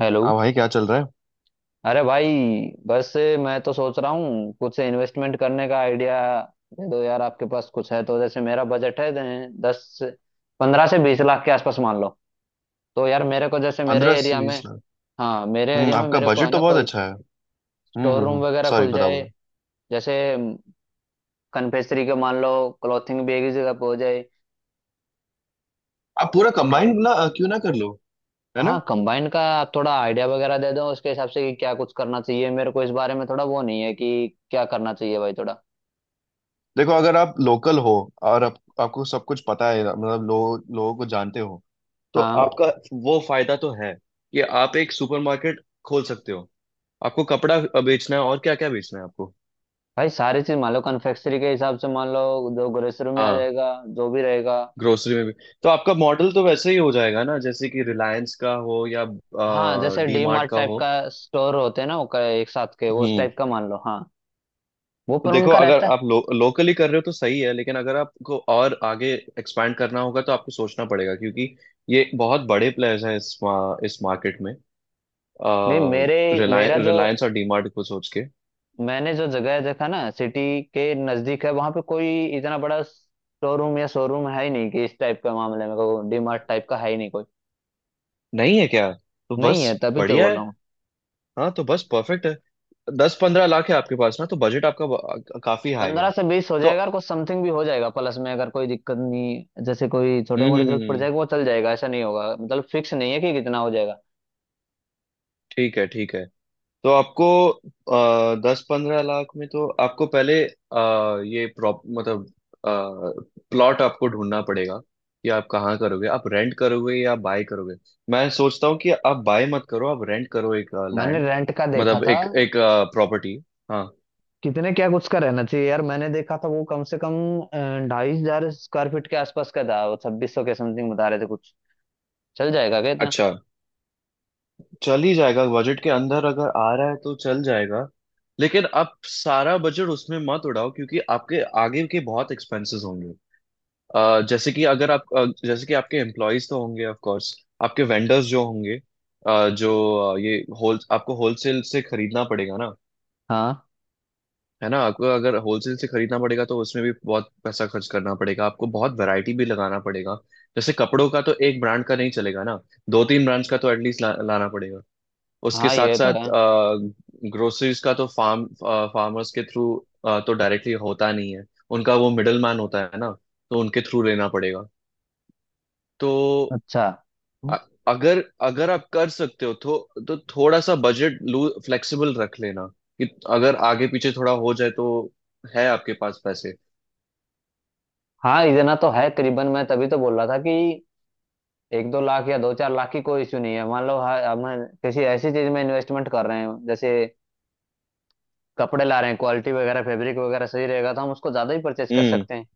Hello. हाँ भाई, क्या चल रहा है। अरे भाई, बस मैं तो सोच रहा हूँ कुछ इन्वेस्टमेंट करने का आइडिया दे दो यार। आपके पास कुछ है तो जैसे मेरा बजट है दस, 15 से 20 लाख के आसपास मान लो। तो यार मेरे को जैसे मेरे पंद्रह से एरिया में, बीस लाख। हाँ, मेरे एरिया में आपका मेरे को है बजट तो ना बहुत कोई अच्छा है। हम्म। स्टोर हम्म। रूम हम्म। वगैरह सॉरी, खुल बताओ जाए। बताओ। जैसे कन्फेक्शनरी का मान लो, क्लॉथिंग भी एक ही जगह पे हो जाए, आप पूरा और कंबाइंड ना क्यों ना कर लो। है ना। हाँ, कंबाइंड का आप थोड़ा आइडिया वगैरह दे दो उसके हिसाब से कि क्या कुछ करना चाहिए। मेरे को इस बारे में थोड़ा वो नहीं है कि क्या करना चाहिए भाई, थोड़ा। देखो, अगर आप लोकल हो और आपको सब कुछ पता है, मतलब लोग लोगों को जानते हो, तो हाँ आपका वो फायदा तो है कि आप एक सुपरमार्केट खोल सकते हो। आपको कपड़ा बेचना है और क्या क्या बेचना है आपको। भाई, सारी चीज मान लो, कन्फेक्शनरी के हिसाब से मान लो, जो ग्रोसरी में आ हाँ। जाएगा, जो भी रहेगा। ग्रोसरी में भी तो आपका मॉडल तो वैसे ही हो जाएगा ना, जैसे कि रिलायंस का हो या हाँ, जैसे डी डी मार्ट मार्ट का टाइप हो। का स्टोर होते हैं ना, वो एक साथ के, वो उस हम्म। टाइप का मान लो, हाँ। वो तो पर देखो, उनका अगर रहता है। आप लोकली कर रहे हो तो सही है, लेकिन अगर आपको और आगे एक्सपैंड करना होगा तो आपको सोचना पड़ेगा, क्योंकि ये बहुत बड़े प्लेयर्स हैं इस मार्केट में। नहीं मेरे रिलायंस मेरा जो रिलायंस और डीमार्ट को सोच के। मैंने जो जगह देखा ना सिटी के नजदीक है वहां पे कोई इतना बड़ा शोरूम या शोरूम है ही नहीं कि इस टाइप का, मामले में डी मार्ट टाइप का है ही नहीं कोई। नहीं है क्या। तो नहीं बस, है, तभी तो बढ़िया है। बोला हूँ। हाँ, तो बस परफेक्ट है। दस पंद्रह लाख है आपके पास ना, तो बजट आपका काफी हाई पंद्रह है। से बीस हो तो, जाएगा और कुछ समथिंग भी हो जाएगा प्लस में। अगर कोई दिक्कत नहीं, जैसे कोई छोटी मोटी हम्म, जरूरत पड़ जाएगी वो चल जाएगा, ऐसा नहीं होगा मतलब। फिक्स नहीं है कि कितना हो जाएगा। ठीक है, ठीक है। तो आपको, दस पंद्रह लाख में तो आपको पहले ये प्रॉप मतलब प्लॉट आपको ढूंढना पड़ेगा कि आप कहाँ करोगे, आप रेंट करोगे या बाय करोगे। मैं सोचता हूँ कि आप बाय मत करो, आप रेंट करो, एक मैंने लैंड, रेंट का देखा मतलब था। एक एक प्रॉपर्टी। हाँ। कितने क्या कुछ का रहना चाहिए यार? मैंने देखा था वो कम से कम 2,500 स्क्वायर फीट के आसपास का था। वो 2,600 के समथिंग बता रहे थे कुछ। चल जाएगा क्या इतना? अच्छा। चल ही जाएगा, बजट के अंदर अगर आ रहा है तो चल जाएगा। लेकिन आप सारा बजट उसमें मत उड़ाओ, क्योंकि आपके आगे के बहुत एक्सपेंसेस होंगे। जैसे कि अगर आप अ, जैसे कि आपके एम्प्लॉयज तो होंगे, ऑफ कोर्स। आपके वेंडर्स जो होंगे, अ, जो अ, ये होल आपको होलसेल से खरीदना पड़ेगा ना। हाँ है ना। आपको अगर होलसेल से खरीदना पड़ेगा तो उसमें भी बहुत पैसा खर्च करना पड़ेगा, आपको बहुत वैरायटी भी लगाना पड़ेगा। जैसे कपड़ों का तो एक ब्रांड का नहीं चलेगा ना। दो तीन ब्रांड्स का तो एटलीस्ट लाना पड़ेगा। उसके हाँ, साथ ये तो साथ, है। ग्रोसरीज का तो फार्मर्स के थ्रू तो डायरेक्टली होता नहीं है। उनका वो मिडल मैन होता है ना, तो उनके थ्रू लेना पड़ेगा। तो अच्छा, अ- अगर अगर आप कर सकते हो तो थोड़ा सा बजट लू फ्लेक्सिबल रख लेना कि अगर आगे पीछे थोड़ा हो जाए तो, है आपके पास पैसे। हाँ, इतना तो है करीबन। मैं तभी तो बोल रहा था कि एक दो लाख या दो चार लाख की कोई इश्यू नहीं है मान लो। हाँ, हम किसी ऐसी चीज में इन्वेस्टमेंट कर रहे हैं, जैसे कपड़े ला रहे हैं, क्वालिटी वगैरह फैब्रिक वगैरह सही रहेगा तो हम उसको ज्यादा ही परचेज कर हम्म। सकते हैं।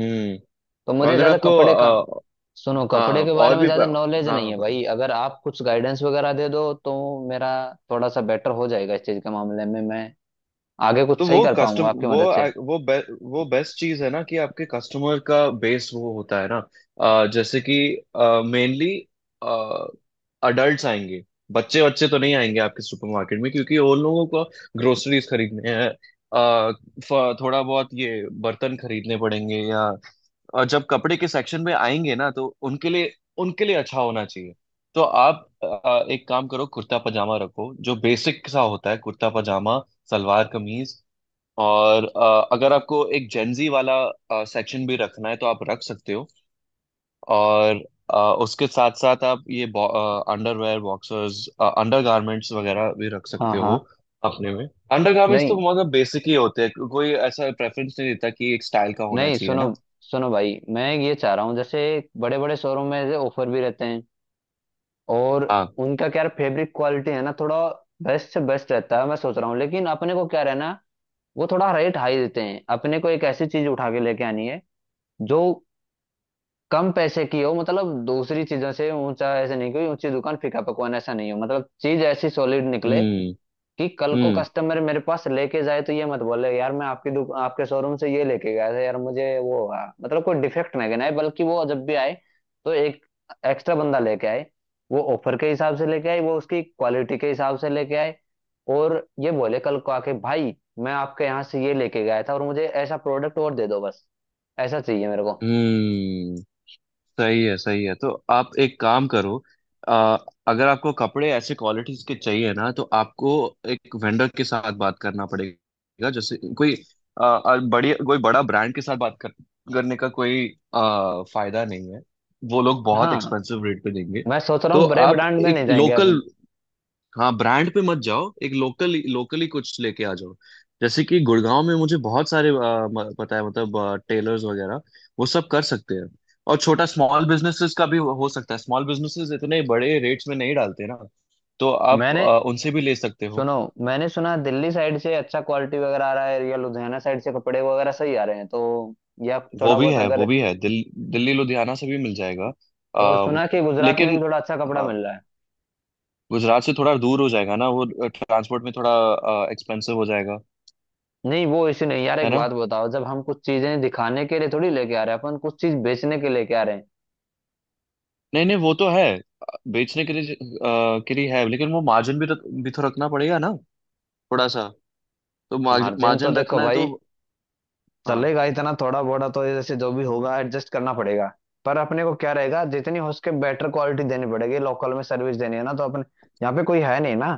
हम्म। तो मुझे अगर ज्यादा आपको, कपड़े का, सुनो, कपड़े हाँ के बारे और में भी ज्यादा नॉलेज हाँ नहीं हाँ, है बताओ। भाई। अगर आप कुछ गाइडेंस वगैरह दे दो तो मेरा थोड़ा सा बेटर हो जाएगा इस चीज के मामले में। मैं आगे तो कुछ सही वो कर पाऊंगा कस्टम आपकी वो मदद से। आ- वो बे, वो बेस्ट चीज है ना, कि आपके कस्टमर का बेस वो होता है ना। जैसे कि मेनली अडल्ट्स आएंगे। बच्चे बच्चे तो नहीं आएंगे आपके सुपरमार्केट में, क्योंकि उन लोगों को ग्रोसरीज खरीदने हैं, थोड़ा बहुत ये बर्तन खरीदने पड़ेंगे या। और जब कपड़े के सेक्शन में आएंगे ना, तो उनके लिए अच्छा होना चाहिए। तो आप एक काम करो, कुर्ता पजामा रखो, जो बेसिक सा होता है, कुर्ता पजामा, सलवार कमीज। और अगर आपको एक जेंजी वाला सेक्शन भी रखना है तो आप रख सकते हो। और अ, उसके साथ साथ आप ये अंडरवेयर, बॉक्सर्स, अंडरगारमेंट्स वगैरह भी रख हाँ सकते हो हाँ। अपने में। अंडरगारमेंट्स तो नहीं मतलब बेसिक ही होते हैं, कोई ऐसा प्रेफरेंस नहीं देता कि एक स्टाइल का होना नहीं। चाहिए सुनो ना। सुनो भाई, मैं ये चाह रहा हूँ, जैसे बड़े बड़े शोरूम में ऑफर भी रहते हैं, और हाँ। उनका क्या फैब्रिक क्वालिटी है ना, थोड़ा बेस्ट से बेस्ट रहता है। मैं सोच रहा हूँ, लेकिन अपने को क्या रहना, वो थोड़ा रेट हाई देते हैं। अपने को एक ऐसी चीज उठा के लेके आनी है जो कम पैसे की हो, मतलब दूसरी चीजों से ऊंचा ऐसे नहीं, कोई ऊंची दुकान फीका पकवान ऐसा नहीं हो, मतलब चीज ऐसी सॉलिड निकले हम्म। कि कल को हम्म। कस्टमर मेरे पास लेके जाए तो ये मत बोले यार, मैं आपके शोरूम से ये लेके गया था यार, मुझे वो हुआ मतलब, कोई डिफेक्ट ना गिनाए। बल्कि वो जब भी आए तो एक एक्स्ट्रा बंदा लेके आए, वो ऑफर के हिसाब से लेके आए, वो उसकी क्वालिटी के हिसाब से लेके आए। और ये बोले कल को आके भाई, मैं आपके यहाँ से ये लेके गया था और मुझे ऐसा प्रोडक्ट और दे दो, बस। ऐसा चाहिए मेरे को। हम्म। सही है, सही है। तो आप एक काम करो, अ, अगर आपको कपड़े ऐसे क्वालिटीज के चाहिए ना, तो आपको एक वेंडर के साथ बात करना पड़ेगा, जैसे कोई बड़ी कोई बड़ा ब्रांड के साथ बात करने का कोई फायदा नहीं है। वो लोग बहुत हाँ, एक्सपेंसिव रेट पे देंगे। मैं सोच रहा तो हूँ बड़े आप ब्रांड में एक नहीं जाएंगे लोकल, अपन। हाँ, ब्रांड पे मत जाओ, एक लोकल लोकली कुछ लेके आ जाओ। जैसे कि गुड़गांव में मुझे बहुत सारे पता है, मतलब टेलर्स वगैरह, वो सब कर सकते हैं। और छोटा स्मॉल बिजनेसेस का भी हो सकता है, स्मॉल बिजनेसेस इतने बड़े रेट्स में नहीं डालते ना। तो आप मैंने उनसे भी ले सकते हो। सुनो, मैंने सुना दिल्ली साइड से अच्छा क्वालिटी वगैरह आ रहा है, या लुधियाना साइड से कपड़े वगैरह सही आ रहे हैं तो, या वो थोड़ा भी बहुत है, वो अगर, भी है, दिल्ली लुधियाना से भी मिल जाएगा। और आ, सुना कि गुजरात में लेकिन, भी थोड़ा अच्छा कपड़ा हाँ, मिल रहा है। गुजरात से थोड़ा दूर हो जाएगा ना, वो ट्रांसपोर्ट में थोड़ा एक्सपेंसिव हो जाएगा। नहीं वो इसी नहीं यार, है एक ना। बात बताओ, जब हम कुछ चीजें दिखाने के लिए थोड़ी लेके आ रहे हैं, अपन कुछ चीज बेचने के लेके आ रहे हैं। नहीं नहीं, वो तो है, बेचने के लिए, के लिए है, लेकिन वो मार्जिन भी भी तो रखना पड़ेगा ना, थोड़ा सा। तो मार्जिन तो मार्जिन देखो रखना है भाई, तो। हाँ। चलेगा इतना थोड़ा बोड़ा तो, ये जैसे जो भी होगा एडजस्ट करना पड़ेगा। पर अपने को क्या रहेगा, जितनी हो सके बेटर क्वालिटी देनी पड़ेगी, लोकल में सर्विस देनी है ना, तो अपने यहाँ पे कोई है नहीं ना।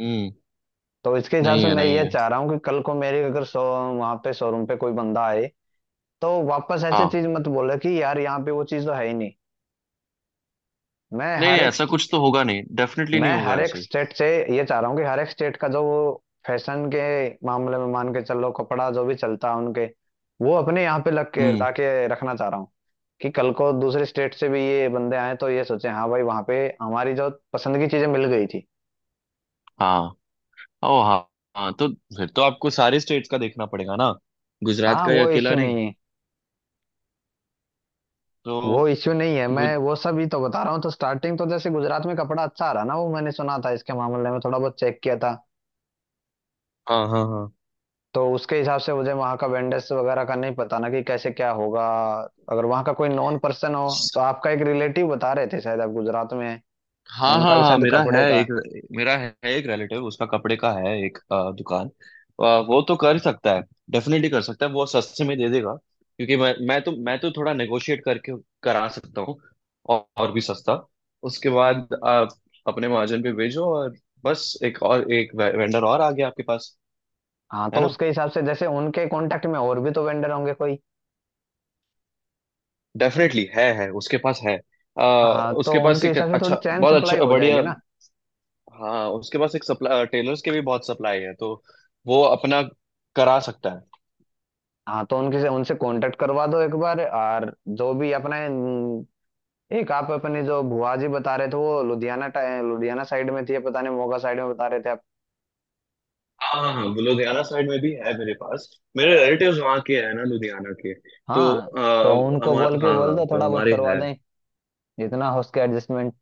हम्म। तो इसके हिसाब नहीं से है, मैं नहीं ये है। चाह रहा हूँ कि कल को मेरे, अगर शो वहां पे शोरूम पे कोई बंदा आए तो वापस ऐसी हाँ, चीज मत बोले कि यार यहाँ पे वो चीज तो है ही नहीं। मैं नहीं हर नहीं, एक ऐसा स्ट- कुछ तो होगा नहीं, डेफिनेटली नहीं मैं होगा हर एक ऐसे। स्टेट से ये चाह रहा हूँ कि हर एक स्टेट का जो वो फैशन के मामले में, मान के चलो, कपड़ा जो भी चलता है उनके, वो अपने यहाँ पे लग के हम्म। ला के रखना चाह रहा हूँ, कि कल को दूसरे स्टेट से भी ये बंदे आए तो ये सोचे हाँ भाई, वहाँ पे हमारी जो पसंद की चीजें मिल गई थी। हाँ। ओ हाँ। हाँ, तो फिर तो आपको सारे स्टेट्स का देखना पड़ेगा ना, गुजरात हाँ, का ही वो अकेला इश्यू नहीं। नहीं है, तो वो इश्यू नहीं है, गुज मैं वो सब ही तो बता रहा हूँ। तो स्टार्टिंग तो जैसे गुजरात में कपड़ा अच्छा आ रहा ना, वो मैंने सुना था, इसके मामले में थोड़ा बहुत चेक किया था। हाँ हाँ हाँ, तो उसके हिसाब से मुझे वहाँ का वेंडर्स वगैरह का नहीं पता ना कि कैसे क्या होगा। अगर वहाँ का कोई नॉन पर्सन हो तो, आपका एक रिलेटिव बता रहे थे शायद आप गुजरात में हैं, हाँ हाँ उनका भी हाँ। शायद कपड़े का है। मेरा है एक रिलेटिव, उसका कपड़े का है एक दुकान। वो तो कर सकता है। डेफिनेटली कर सकता है, वो सस्ते में दे देगा, क्योंकि मैं तो थोड़ा नेगोशिएट करके करा सकता हूँ। और भी सस्ता। उसके बाद आप अपने मार्जिन पे भेजो, और बस एक और, एक वेंडर और आ गया आपके पास। हाँ, है तो ना। उसके हिसाब से जैसे उनके कांटेक्ट में और भी तो वेंडर होंगे कोई। डेफिनेटली है, उसके पास है, हाँ, तो उसके पास उनके एक हिसाब से थोड़ी अच्छा, चैन बहुत सप्लाई अच्छा, हो जाएगी बढ़िया। ना। हाँ, उसके पास एक सप्लाई, टेलर्स के भी बहुत सप्लाई है, तो वो अपना करा सकता है। हाँ, तो उनके से उनसे कांटेक्ट करवा दो एक बार, और जो भी अपने, एक आप अपने जो भुआ जी बता रहे थे वो लुधियाना साइड में थी या पता नहीं, मोगा साइड में बता रहे थे आप। हाँ हाँ हाँ, वो लुधियाना साइड में भी है मेरे पास। मेरे रिलेटिव्स वहाँ के हैं ना, लुधियाना के। तो हाँ तो आ, उनको हमार बोल के हाँ बोल हाँ, दो तो थोड़ा बहुत हमारे करवा है। दें, जितना हो सके एडजस्टमेंट।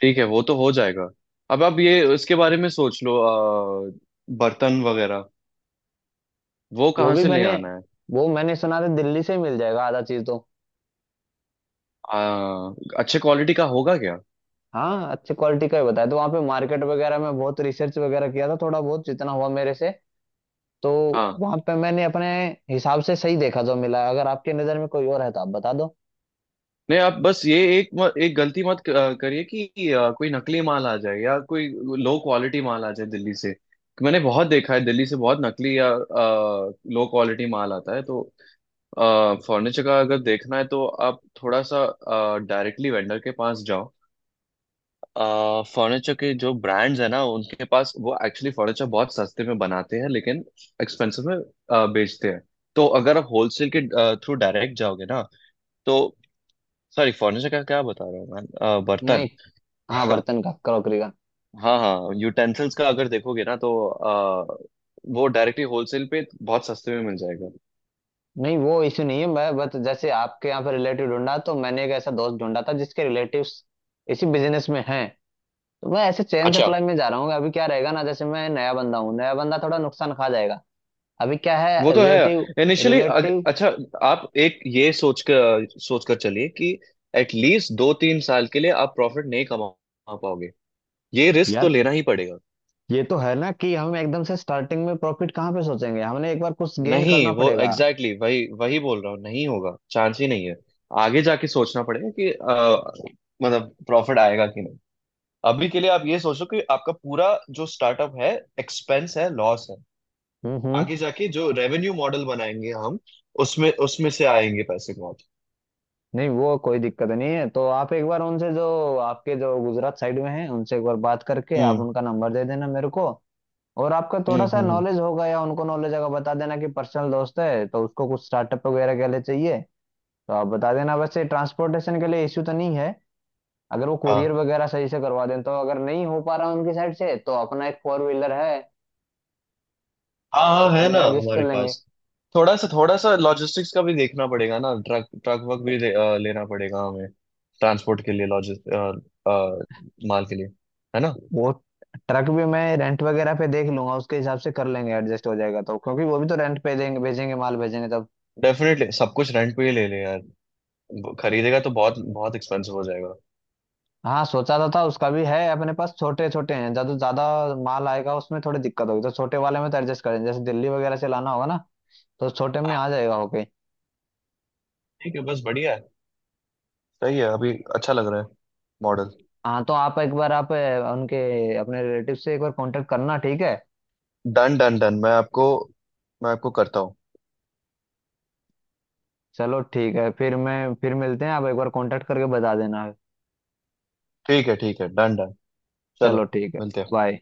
ठीक है, वो तो हो जाएगा। अब आप ये इसके बारे में सोच लो, बर्तन वगैरह वो वो कहाँ भी से ले मैंने आना है। वो मैंने सुना था दिल्ली से ही मिल जाएगा आधा चीज तो। आ, अच्छे क्वालिटी का होगा हाँ, अच्छी क्वालिटी का ही बताया, तो वहाँ पे मार्केट वगैरह में बहुत रिसर्च वगैरह किया था थोड़ा बहुत, जितना हुआ मेरे से। तो क्या। वहाँ पे मैंने अपने हिसाब से सही देखा जो मिला, अगर आपके नज़र में कोई और है तो आप बता दो। नहीं, आप बस ये एक एक गलती मत करिए, कि कोई नकली माल आ जाए या कोई लो क्वालिटी माल आ जाए दिल्ली से। मैंने बहुत देखा है, दिल्ली से बहुत नकली या लो क्वालिटी माल आता है, तो। फर्नीचर का अगर देखना है तो आप थोड़ा सा डायरेक्टली वेंडर के पास जाओ। फर्नीचर के जो ब्रांड्स है ना उनके पास, वो एक्चुअली फर्नीचर बहुत सस्ते में बनाते हैं, लेकिन एक्सपेंसिव में बेचते हैं। तो अगर आप होलसेल के थ्रू डायरेक्ट जाओगे ना, तो। सॉरी, फर्नीचर का क्या बता रहा हूँ मैं, बर्तन। नहीं, हाँ, बर्तन का क्रॉकरी का, हाँ हाँ, यूटेंसिल्स का अगर देखोगे ना, तो वो डायरेक्टली होलसेल पे बहुत सस्ते में मिल जाएगा। नहीं वो इशू नहीं है। मैं बस, जैसे आपके यहाँ पे रिलेटिव ढूंढा, तो मैंने एक ऐसा दोस्त ढूंढा था जिसके रिलेटिव्स इसी बिजनेस में हैं, तो मैं ऐसे चैन अच्छा, सप्लाई में जा रहा हूँ। अभी क्या रहेगा ना, जैसे मैं नया बंदा हूँ, नया बंदा थोड़ा नुकसान खा जाएगा। अभी क्या वो है, तो रिलेटिव है इनिशियली। रिलेटिव अच्छा, आप एक ये सोच कर चलिए कि एटलीस्ट दो तीन साल के लिए आप प्रॉफिट नहीं कमा पाओगे। ये रिस्क तो यार, लेना ही पड़ेगा। ये तो है ना कि हम एकदम से स्टार्टिंग में प्रॉफिट कहाँ पे सोचेंगे, हमने एक बार कुछ गेन नहीं, करना वो पड़ेगा। एग्जैक्टली exactly, वही वही बोल रहा हूँ, नहीं होगा, चांस ही नहीं है। आगे जाके सोचना पड़ेगा कि मतलब प्रॉफिट आएगा कि नहीं। अभी के लिए आप ये सोचो कि आपका पूरा जो स्टार्टअप है, एक्सपेंस है, लॉस है। हम्म, आगे जाके जो रेवेन्यू मॉडल बनाएंगे हम, उसमें उसमें से आएंगे पैसे बहुत। नहीं वो कोई दिक्कत नहीं है। तो आप एक बार उनसे जो आपके जो गुजरात साइड में हैं उनसे एक बार बात करके आप हम्म। उनका नंबर दे देना मेरे को। और आपका हम्म। थोड़ा सा हम्म। हम्म। नॉलेज होगा या उनको नॉलेज होगा, बता देना कि पर्सनल दोस्त है तो उसको कुछ स्टार्टअप वगैरह के लिए चाहिए, तो आप बता देना। वैसे ट्रांसपोर्टेशन के लिए इश्यू तो नहीं है, अगर वो हाँ कुरियर वगैरह सही से करवा दें तो। अगर नहीं हो पा रहा उनकी साइड से तो अपना एक फोर व्हीलर है, हाँ हाँ, है उसमें ना, एडजस्ट कर हमारे लेंगे। पास। थोड़ा सा लॉजिस्टिक्स का भी देखना पड़ेगा ना, ट्रक ट्रक वर्क भी लेना पड़ेगा हमें। ट्रांसपोर्ट के लिए, लॉजिस्ट माल के लिए। है ना। वो ट्रक भी मैं रेंट वगैरह पे देख लूंगा, उसके हिसाब से कर लेंगे, एडजस्ट हो जाएगा तो, क्योंकि वो भी तो रेंट पे देंगे, भेजेंगे माल भेजेंगे तब। डेफिनेटली सब कुछ रेंट पे ही ले ले यार, खरीदेगा तो बहुत बहुत एक्सपेंसिव हो जाएगा। हाँ, सोचा तो था उसका भी है अपने पास, छोटे छोटे हैं। ज्यादा ज्यादा माल आएगा उसमें थोड़ी दिक्कत होगी तो, छोटे वाले में तो एडजस्ट करें, जैसे दिल्ली वगैरह से लाना होगा ना, तो छोटे में हाँ, आ जाएगा। ओके। ठीक है, बस बढ़िया है। सही है, अभी अच्छा लग रहा है मॉडल। हाँ, तो आप एक बार उनके, अपने रिलेटिव से एक बार कांटेक्ट करना, ठीक है? डन डन डन, मैं आपको करता हूँ। चलो ठीक है, फिर मिलते हैं। आप एक बार कांटेक्ट करके बता देना। ठीक है, ठीक है, डन डन, चलो चलो, ठीक है, मिलते हैं। बाय।